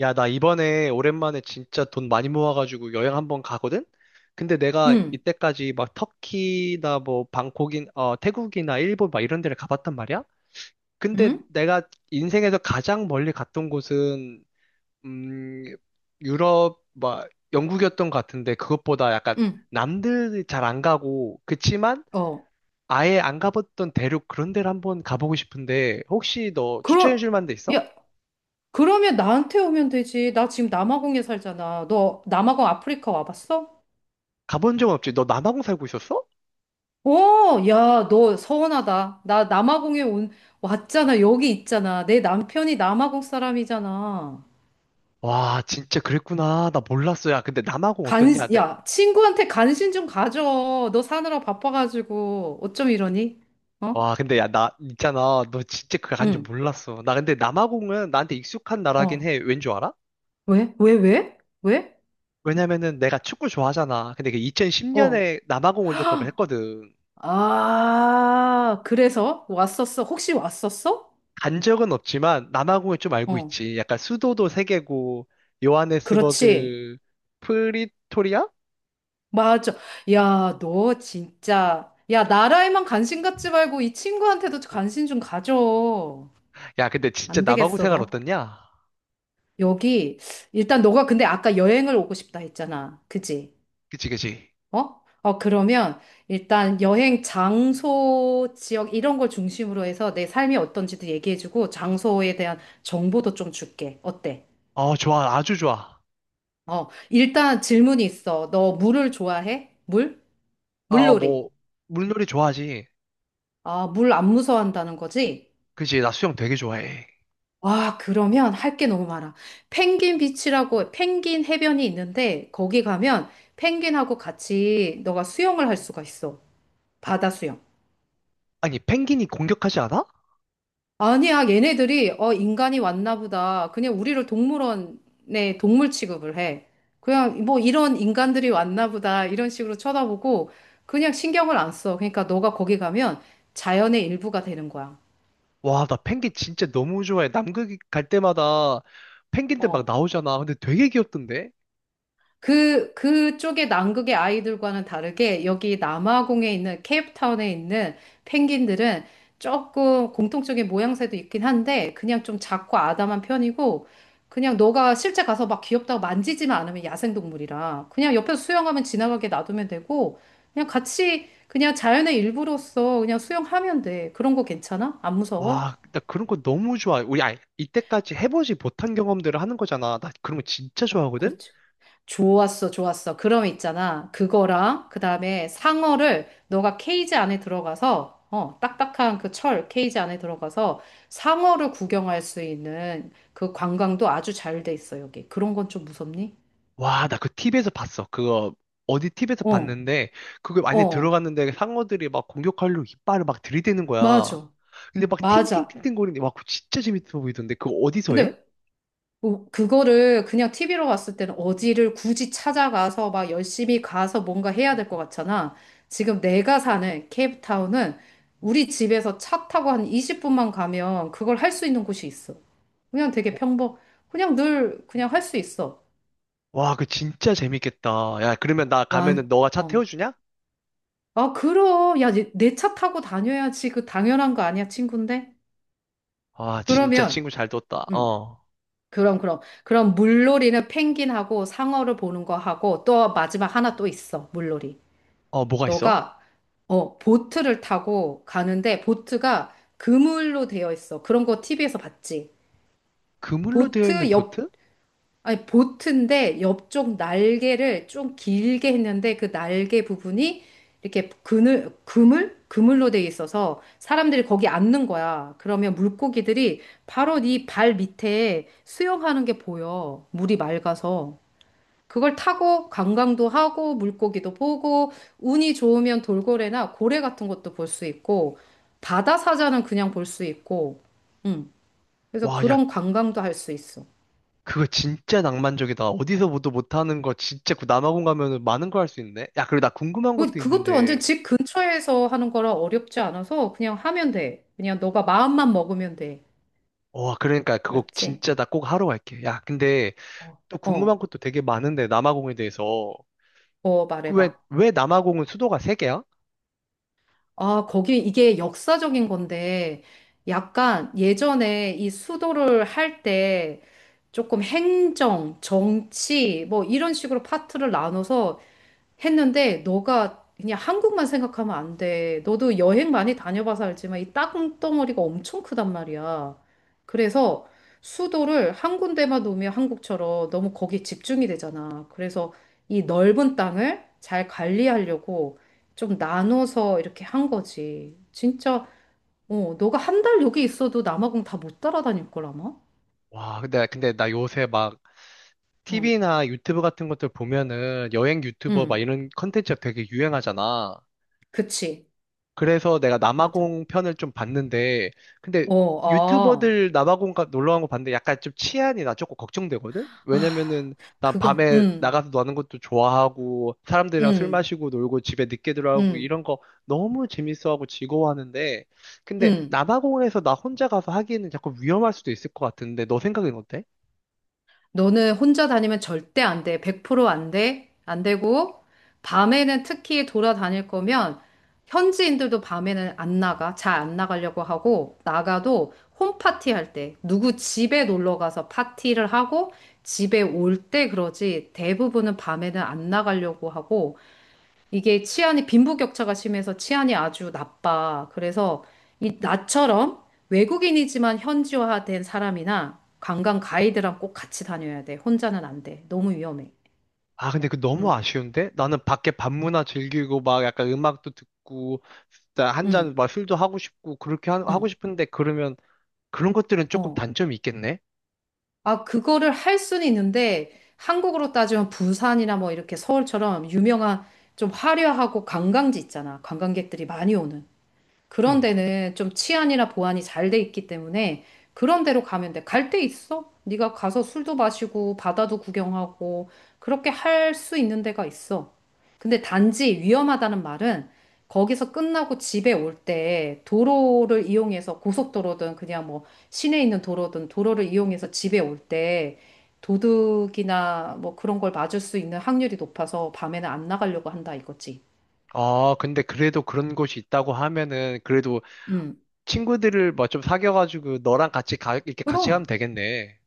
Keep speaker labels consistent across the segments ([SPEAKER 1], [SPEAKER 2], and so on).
[SPEAKER 1] 야, 나 이번에 오랜만에 진짜 돈 많이 모아가지고 여행 한 번 가거든? 근데 내가
[SPEAKER 2] 응,
[SPEAKER 1] 이때까지 막 터키나 뭐 방콕인, 태국이나 일본 막 이런 데를 가봤단 말이야? 근데
[SPEAKER 2] 응,
[SPEAKER 1] 내가 인생에서 가장 멀리 갔던 곳은, 음, 유럽, 막 영국이었던 것 같은데 그것보다 약간
[SPEAKER 2] 응,
[SPEAKER 1] 남들 잘 안 가고, 그치만
[SPEAKER 2] 어.
[SPEAKER 1] 아예 안 가봤던 대륙 그런 데를 한번 가보고 싶은데 혹시 너
[SPEAKER 2] 그럼,
[SPEAKER 1] 추천해줄 만한 데 있어?
[SPEAKER 2] 야, 그러면 나한테 오면 되지. 나 지금 남아공에 살잖아. 너 남아공 아프리카 와봤어?
[SPEAKER 1] 가본 적은 없지? 너 남아공 살고 있었어?
[SPEAKER 2] 어, 야, 너 서운하다. 왔잖아. 여기 있잖아. 내 남편이 남아공 사람이잖아.
[SPEAKER 1] 와, 진짜 그랬구나. 나 몰랐어. 야, 근데 남아공
[SPEAKER 2] 간,
[SPEAKER 1] 어떻냐? 내,
[SPEAKER 2] 야, 친구한테 간신 좀 가져. 너 사느라 바빠가지고. 어쩜 이러니? 어?
[SPEAKER 1] 와, 근데 야, 나, 있잖아. 너 진짜 그거 간줄
[SPEAKER 2] 응,
[SPEAKER 1] 몰랐어. 나 근데 남아공은 나한테 익숙한 나라긴
[SPEAKER 2] 어.
[SPEAKER 1] 해. 왠 줄 알아?
[SPEAKER 2] 왜? 왜, 왜? 왜?
[SPEAKER 1] 왜냐면은 내가 축구 좋아하잖아. 근데 그
[SPEAKER 2] 어.
[SPEAKER 1] 2010년에 남아공 월드컵을 했거든.
[SPEAKER 2] 아, 그래서 왔었어? 혹시 왔었어?
[SPEAKER 1] 간 적은 없지만 남아공을 좀 알고
[SPEAKER 2] 어,
[SPEAKER 1] 있지. 약간 수도도 세 개고,
[SPEAKER 2] 그렇지.
[SPEAKER 1] 요하네스버그, 프리토리아?
[SPEAKER 2] 맞아. 야, 너 진짜. 야, 나라에만 관심 갖지 말고 이 친구한테도 관심 좀 가져.
[SPEAKER 1] 야, 근데 진짜
[SPEAKER 2] 안
[SPEAKER 1] 남아공
[SPEAKER 2] 되겠어,
[SPEAKER 1] 생활
[SPEAKER 2] 너.
[SPEAKER 1] 어떻냐?
[SPEAKER 2] 여기, 일단 너가 근데 아까 여행을 오고 싶다 했잖아. 그지?
[SPEAKER 1] 그치, 그치.
[SPEAKER 2] 어? 어, 그러면 일단 여행 장소, 지역 이런 걸 중심으로 해서 내 삶이 어떤지도 얘기해주고 장소에 대한 정보도 좀 줄게. 어때?
[SPEAKER 1] 어, 좋아. 아주 좋아.
[SPEAKER 2] 어, 일단 질문이 있어. 너 물을 좋아해? 물?
[SPEAKER 1] 아,
[SPEAKER 2] 물놀이.
[SPEAKER 1] 뭐, 물놀이 좋아하지.
[SPEAKER 2] 아, 물 안 무서워한다는 거지?
[SPEAKER 1] 그지, 나 수영 되게 좋아해.
[SPEAKER 2] 와, 그러면 할게 너무 많아. 펭귄 비치라고 펭귄 해변이 있는데 거기 가면 펭귄하고 같이 너가 수영을 할 수가 있어. 바다 수영.
[SPEAKER 1] 아니, 펭귄이 공격하지 않아?
[SPEAKER 2] 아니야, 얘네들이 어, 인간이 왔나 보다. 그냥 우리를 동물원에 동물 취급을 해. 그냥 뭐 이런 인간들이 왔나 보다. 이런 식으로 쳐다보고 그냥 신경을 안 써. 그러니까 너가 거기 가면 자연의 일부가 되는 거야.
[SPEAKER 1] 와, 나 펭귄 진짜 너무 좋아해. 남극 갈 때마다 펭귄들 막
[SPEAKER 2] 어.
[SPEAKER 1] 나오잖아. 근데 되게 귀엽던데?
[SPEAKER 2] 그쪽의 남극의 아이들과는 다르게 여기 남아공에 있는 케이프타운에 있는 펭귄들은 조금 공통적인 모양새도 있긴 한데 그냥 좀 작고 아담한 편이고 그냥 너가 실제 가서 막 귀엽다고 만지지만 않으면 야생동물이라 그냥 옆에서 수영하면 지나가게 놔두면 되고 그냥 같이 그냥 자연의 일부로서 그냥 수영하면 돼. 그런 거 괜찮아? 안 무서워?
[SPEAKER 1] 와, 나 그런 거 너무 좋아해. 우리, 아, 이때까지 해보지 못한 경험들을 하는 거잖아. 나 그런 거 진짜 좋아하거든?
[SPEAKER 2] 그렇지. 좋았어, 좋았어. 그럼 있잖아. 그거랑, 그 다음에 상어를 너가 케이지 안에 들어가서, 딱딱한 그 철 케이지 안에 들어가서 상어를 구경할 수 있는 그 관광도 아주 잘 돼 있어, 여기. 그런 건 좀 무섭니?
[SPEAKER 1] 와, 나 그 TV에서 봤어. 그거, 어디 TV에서
[SPEAKER 2] 어,
[SPEAKER 1] 봤는데, 그거 많이
[SPEAKER 2] 어,
[SPEAKER 1] 들어갔는데 상어들이 막 공격하려고 이빨을 막 들이대는 거야.
[SPEAKER 2] 맞아,
[SPEAKER 1] 근데 막
[SPEAKER 2] 맞아.
[SPEAKER 1] 팅팅팅팅 거리는데, 와, 그거 진짜 재밌어 보이던데? 그거 어디서 해?
[SPEAKER 2] 근데 뭐, 그거를 그냥 TV로 봤을 때는 어디를 굳이 찾아가서 막 열심히 가서 뭔가 해야 될 것 같잖아. 지금 내가 사는 케이프타운은 우리 집에서 차 타고 한 20분만 가면 그걸 할 수 있는 곳이 있어. 그냥 되게 평범, 그냥 늘 그냥 할 수 있어.
[SPEAKER 1] 와, 그 진짜 재밌겠다. 야, 그러면 나 가면은
[SPEAKER 2] 완,
[SPEAKER 1] 너가 차
[SPEAKER 2] 어.
[SPEAKER 1] 태워주냐?
[SPEAKER 2] 아, 그럼. 야, 내 차 타고 다녀야지. 그 당연한 거 아니야, 친구인데?
[SPEAKER 1] 와, 진짜
[SPEAKER 2] 그러면,
[SPEAKER 1] 친구 잘 뒀다.
[SPEAKER 2] 음,
[SPEAKER 1] 어.
[SPEAKER 2] 그럼, 그럼. 그럼 물놀이는 펭귄하고 상어를 보는 거 하고 또 마지막 하나 또 있어, 물놀이.
[SPEAKER 1] 어, 뭐가 있어?
[SPEAKER 2] 너가 보트를 타고 가는데 보트가 그물로 되어 있어. 그런 거 TV에서 봤지.
[SPEAKER 1] 그물로 되어 있는
[SPEAKER 2] 보트 옆,
[SPEAKER 1] 보트?
[SPEAKER 2] 아니, 보트인데 옆쪽 날개를 좀 길게 했는데 그 날개 부분이 이렇게 그물? 그물로 되어 있어서 사람들이 거기 앉는 거야. 그러면 물고기들이 바로 네 발 밑에 수영하는 게 보여. 물이 맑아서. 그걸 타고 관광도 하고 물고기도 보고 운이 좋으면 돌고래나 고래 같은 것도 볼 수 있고 바다 사자는 그냥 볼 수 있고 음. 그래서
[SPEAKER 1] 와, 야,
[SPEAKER 2] 그런 관광도 할 수 있어.
[SPEAKER 1] 그거 진짜 낭만적이다. 어디서 보도 못하는 거 진짜 그 남아공 가면은 많은 거 할 수 있네. 야, 그리고 나 궁금한 것도
[SPEAKER 2] 그것도 완전
[SPEAKER 1] 있는데.
[SPEAKER 2] 집 근처에서 하는 거라 어렵지 않아서 그냥 하면 돼. 그냥 너가 마음만 먹으면 돼.
[SPEAKER 1] 와, 그러니까 그거
[SPEAKER 2] 알았지?
[SPEAKER 1] 진짜 나 꼭 하러 갈게. 야, 근데
[SPEAKER 2] 어,
[SPEAKER 1] 또 궁금한
[SPEAKER 2] 어,
[SPEAKER 1] 것도 되게 많은데 남아공에 대해서
[SPEAKER 2] 어,
[SPEAKER 1] 그 왜,
[SPEAKER 2] 말해봐.
[SPEAKER 1] 왜 남아공은 수도가 세 개야?
[SPEAKER 2] 아, 거기 이게 역사적인 건데, 약간 예전에 이 수도를 할 때 조금 행정, 정치, 뭐 이런 식으로 파트를 나눠서 했는데 너가 그냥 한국만 생각하면 안 돼. 너도 여행 많이 다녀봐서 알지만 이 땅덩어리가 엄청 크단 말이야. 그래서 수도를 한 군데만 놓으면 한국처럼 너무 거기에 집중이 되잖아. 그래서 이 넓은 땅을 잘 관리하려고 좀 나눠서 이렇게 한 거지. 어, 너가 한 달 여기 있어도 남아공 다 못 따라다닐 걸 아마?
[SPEAKER 1] 와 근데 나 요새 막
[SPEAKER 2] 응,
[SPEAKER 1] TV나 유튜브 같은 것들 보면은 여행 유튜버 막
[SPEAKER 2] 응,
[SPEAKER 1] 이런 컨텐츠가 되게 유행하잖아.
[SPEAKER 2] 그치.
[SPEAKER 1] 그래서 내가
[SPEAKER 2] 맞아.
[SPEAKER 1] 남아공 편을 좀 봤는데, 근데
[SPEAKER 2] 어, 아,
[SPEAKER 1] 유튜버들 놀러 간 거 봤는데 약간 좀 치안이 나 조금 걱정되거든?
[SPEAKER 2] 아,
[SPEAKER 1] 왜냐면은 난
[SPEAKER 2] 그거,
[SPEAKER 1] 밤에
[SPEAKER 2] 응,
[SPEAKER 1] 나가서 노는 것도 좋아하고, 사람들이랑 술
[SPEAKER 2] 응.
[SPEAKER 1] 마시고 놀고 집에 늦게 들어가고
[SPEAKER 2] 응,
[SPEAKER 1] 이런 거 너무 재밌어하고 즐거워하는데, 근데
[SPEAKER 2] 응.
[SPEAKER 1] 남아공에서 나 혼자 가서 하기에는 약간 위험할 수도 있을 것 같은데, 너 생각은 어때?
[SPEAKER 2] 너는 혼자 다니면 절대 안 돼. 100% 안 돼. 안 되고, 밤에는 특히 돌아다닐 거면, 현지인들도 밤에는 안 나가. 잘 안 나가려고 하고, 나가도 홈파티 할 때, 누구 집에 놀러 가서 파티를 하고, 집에 올 때 그러지, 대부분은 밤에는 안 나가려고 하고, 이게 치안이 빈부격차가 심해서 치안이 아주 나빠. 그래서 이 나처럼 외국인이지만 현지화된 사람이나 관광 가이드랑 꼭 같이 다녀야 돼. 혼자는 안 돼. 너무 위험해.
[SPEAKER 1] 아, 근데 그 너무 아쉬운데? 나는 밖에 밤문화 즐기고 막 약간 음악도 듣고 진짜
[SPEAKER 2] 응,
[SPEAKER 1] 한잔막 술도 하고 싶고 그렇게 하고
[SPEAKER 2] 응,
[SPEAKER 1] 싶은데 그러면 그런 것들은 조금
[SPEAKER 2] 어.
[SPEAKER 1] 단점이 있겠네?
[SPEAKER 2] 아, 그거를 할 수는 있는데 한국으로 따지면 부산이나 뭐 이렇게 서울처럼 유명한 좀 화려하고 관광지 있잖아. 관광객들이 많이 오는. 그런
[SPEAKER 1] 음.
[SPEAKER 2] 데는 좀 치안이나 보안이 잘 돼 있기 때문에 그런 데로 가면 돼. 갈 데 있어? 네가 가서 술도 마시고 바다도 구경하고 그렇게 할 수 있는 데가 있어. 근데 단지 위험하다는 말은 거기서 끝나고 집에 올 때 도로를 이용해서 고속도로든 그냥 뭐 시내에 있는 도로든 도로를 이용해서 집에 올 때 도둑이나 뭐 그런 걸 맞을 수 있는 확률이 높아서 밤에는 안 나가려고 한다 이거지.
[SPEAKER 1] 아, 근데 그래도 그런 곳이 있다고 하면은 그래도
[SPEAKER 2] 음.
[SPEAKER 1] 친구들을 막 좀 사귀어가지고 너랑 같이 가, 이렇게 같이 가면
[SPEAKER 2] 그럼.
[SPEAKER 1] 되겠네.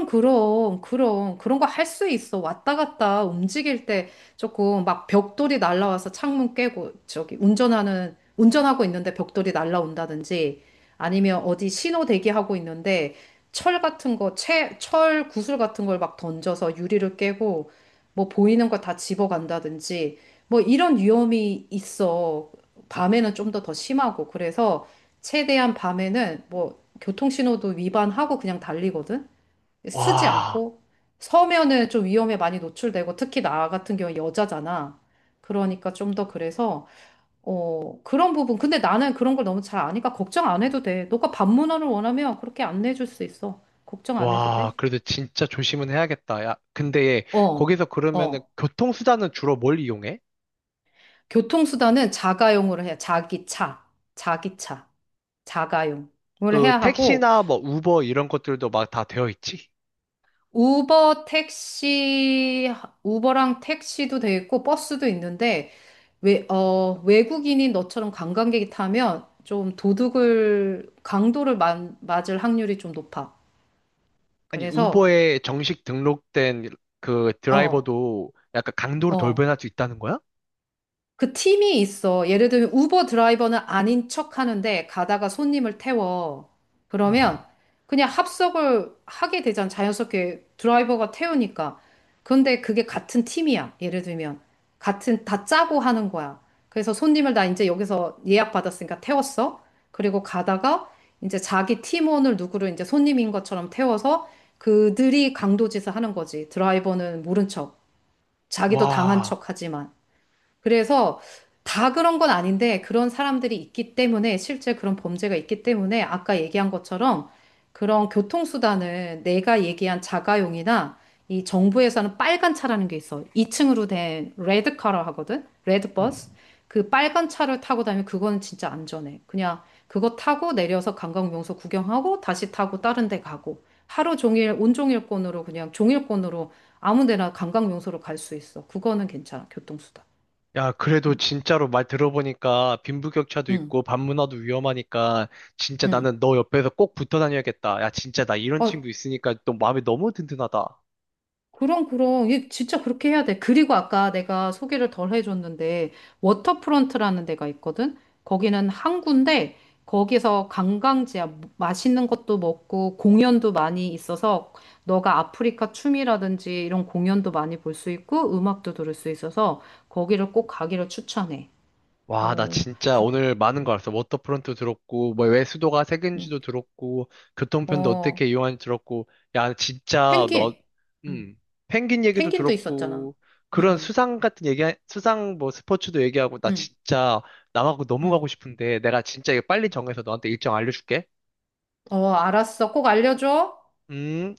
[SPEAKER 2] 그럼, 그럼, 그럼. 그런 거 할 수 있어. 왔다 갔다 움직일 때 조금 막 벽돌이 날라와서 창문 깨고, 저기, 운전하고 있는데 벽돌이 날라온다든지, 아니면 어디 신호 대기하고 있는데, 철 구슬 같은 걸 막 던져서 유리를 깨고, 뭐 보이는 거 다 집어간다든지, 뭐 이런 위험이 있어. 밤에는 좀 더 심하고. 그래서 최대한 밤에는 뭐 교통신호도 위반하고 그냥 달리거든? 쓰지
[SPEAKER 1] 와,
[SPEAKER 2] 않고 서면은 좀 위험에 많이 노출되고 특히 나 같은 경우는 여자잖아. 그러니까 좀 더 그래서 그런 부분 근데 나는 그런 걸 너무 잘 아니까 걱정 안 해도 돼. 너가 반문화를 원하면 그렇게 안내해 줄 수 있어. 걱정 안 해도
[SPEAKER 1] 와,
[SPEAKER 2] 돼.
[SPEAKER 1] 그래도 진짜 조심은 해야겠다. 야, 근데
[SPEAKER 2] 어.
[SPEAKER 1] 거기서 그러면은
[SPEAKER 2] 어.
[SPEAKER 1] 교통수단은 주로 뭘 이용해?
[SPEAKER 2] 교통수단은 자가용으로 해야 자기 차. 자기 차. 자가용을
[SPEAKER 1] 그
[SPEAKER 2] 해야 하고
[SPEAKER 1] 택시나 뭐 우버 이런 것들도 막 다 되어 있지?
[SPEAKER 2] 우버 택시, 우버랑 택시도 돼 있고 버스도 있는데 외국인인 너처럼 관광객이 타면 좀 강도를 맞을 확률이 좀 높아.
[SPEAKER 1] 아니,
[SPEAKER 2] 그래서,
[SPEAKER 1] 우버에 정식 등록된 그
[SPEAKER 2] 어,
[SPEAKER 1] 드라이버도 약간 강도로
[SPEAKER 2] 어.
[SPEAKER 1] 돌변할 수 있다는 거야?
[SPEAKER 2] 그 팀이 있어. 예를 들면 우버 드라이버는 아닌 척 하는데 가다가 손님을 태워.
[SPEAKER 1] 음,
[SPEAKER 2] 그러면 그냥 합석을 하게 되잖아. 자연스럽게 드라이버가 태우니까. 근데 그게 같은 팀이야. 예를 들면. 같은, 다 짜고 하는 거야. 그래서 손님을 나 이제 여기서 예약 받았으니까 태웠어. 그리고 가다가 이제 자기 팀원을 누구를 이제 손님인 것처럼 태워서 그들이 강도짓을 하는 거지. 드라이버는 모른 척. 자기도 당한
[SPEAKER 1] 와,
[SPEAKER 2] 척 하지만. 그래서 다 그런 건 아닌데 그런 사람들이 있기 때문에 실제 그런 범죄가 있기 때문에 아까 얘기한 것처럼 그런 교통수단을 내가 얘기한 자가용이나 이 정부에서는 빨간 차라는 게 있어. 2층으로 된 레드카라 하거든? 레드버스.
[SPEAKER 1] 음,
[SPEAKER 2] 그 빨간 차를 타고 다니면 그거는 진짜 안전해. 그냥 그거 타고 내려서 관광 명소 구경하고 다시 타고 다른 데 가고 하루 종일 온종일권으로 그냥 종일권으로 아무 데나 관광 명소로 갈 수 있어. 그거는 괜찮아. 교통수단.
[SPEAKER 1] 야, 그래도
[SPEAKER 2] 음.
[SPEAKER 1] 진짜로 말 들어보니까 빈부격차도
[SPEAKER 2] 응,
[SPEAKER 1] 있고 반문화도 위험하니까 진짜
[SPEAKER 2] 응.
[SPEAKER 1] 나는 너 옆에서 꼭 붙어 다녀야겠다. 야, 진짜 나 이런
[SPEAKER 2] 아,
[SPEAKER 1] 친구 있으니까 또 마음이 너무 든든하다.
[SPEAKER 2] 그럼, 그럼. 이게 진짜 그렇게 해야 돼. 그리고 아까 내가 소개를 덜 해줬는데, 워터프론트라는 데가 있거든? 거기는 항구인데, 거기서 관광지야. 뭐, 맛있는 것도 먹고, 공연도 많이 있어서, 너가 아프리카 춤이라든지 이런 공연도 많이 볼 수 있고, 음악도 들을 수 있어서, 거기를 꼭 가기를 추천해.
[SPEAKER 1] 와, 나
[SPEAKER 2] 어,
[SPEAKER 1] 진짜
[SPEAKER 2] 그,
[SPEAKER 1] 오늘 많은 거 알았어. 워터프론트 들었고, 뭐, 왜 수도가
[SPEAKER 2] 응.
[SPEAKER 1] 색인지도 들었고, 교통편도
[SPEAKER 2] 어,
[SPEAKER 1] 어떻게 이용하는지 들었고, 야, 진짜 너,
[SPEAKER 2] 펭귄. 응.
[SPEAKER 1] 음, 펭귄 얘기도
[SPEAKER 2] 펭귄도 있었잖아.
[SPEAKER 1] 들었고, 그런
[SPEAKER 2] 응,
[SPEAKER 1] 수상 같은 얘기, 수상 뭐 스포츠도 얘기하고, 나
[SPEAKER 2] 응,
[SPEAKER 1] 진짜 남하고 너무 가고
[SPEAKER 2] 응.
[SPEAKER 1] 싶은데, 내가 진짜 이거 빨리 정해서 너한테 일정 알려줄게.
[SPEAKER 2] 어, 알았어. 꼭 알려줘.
[SPEAKER 1] 음.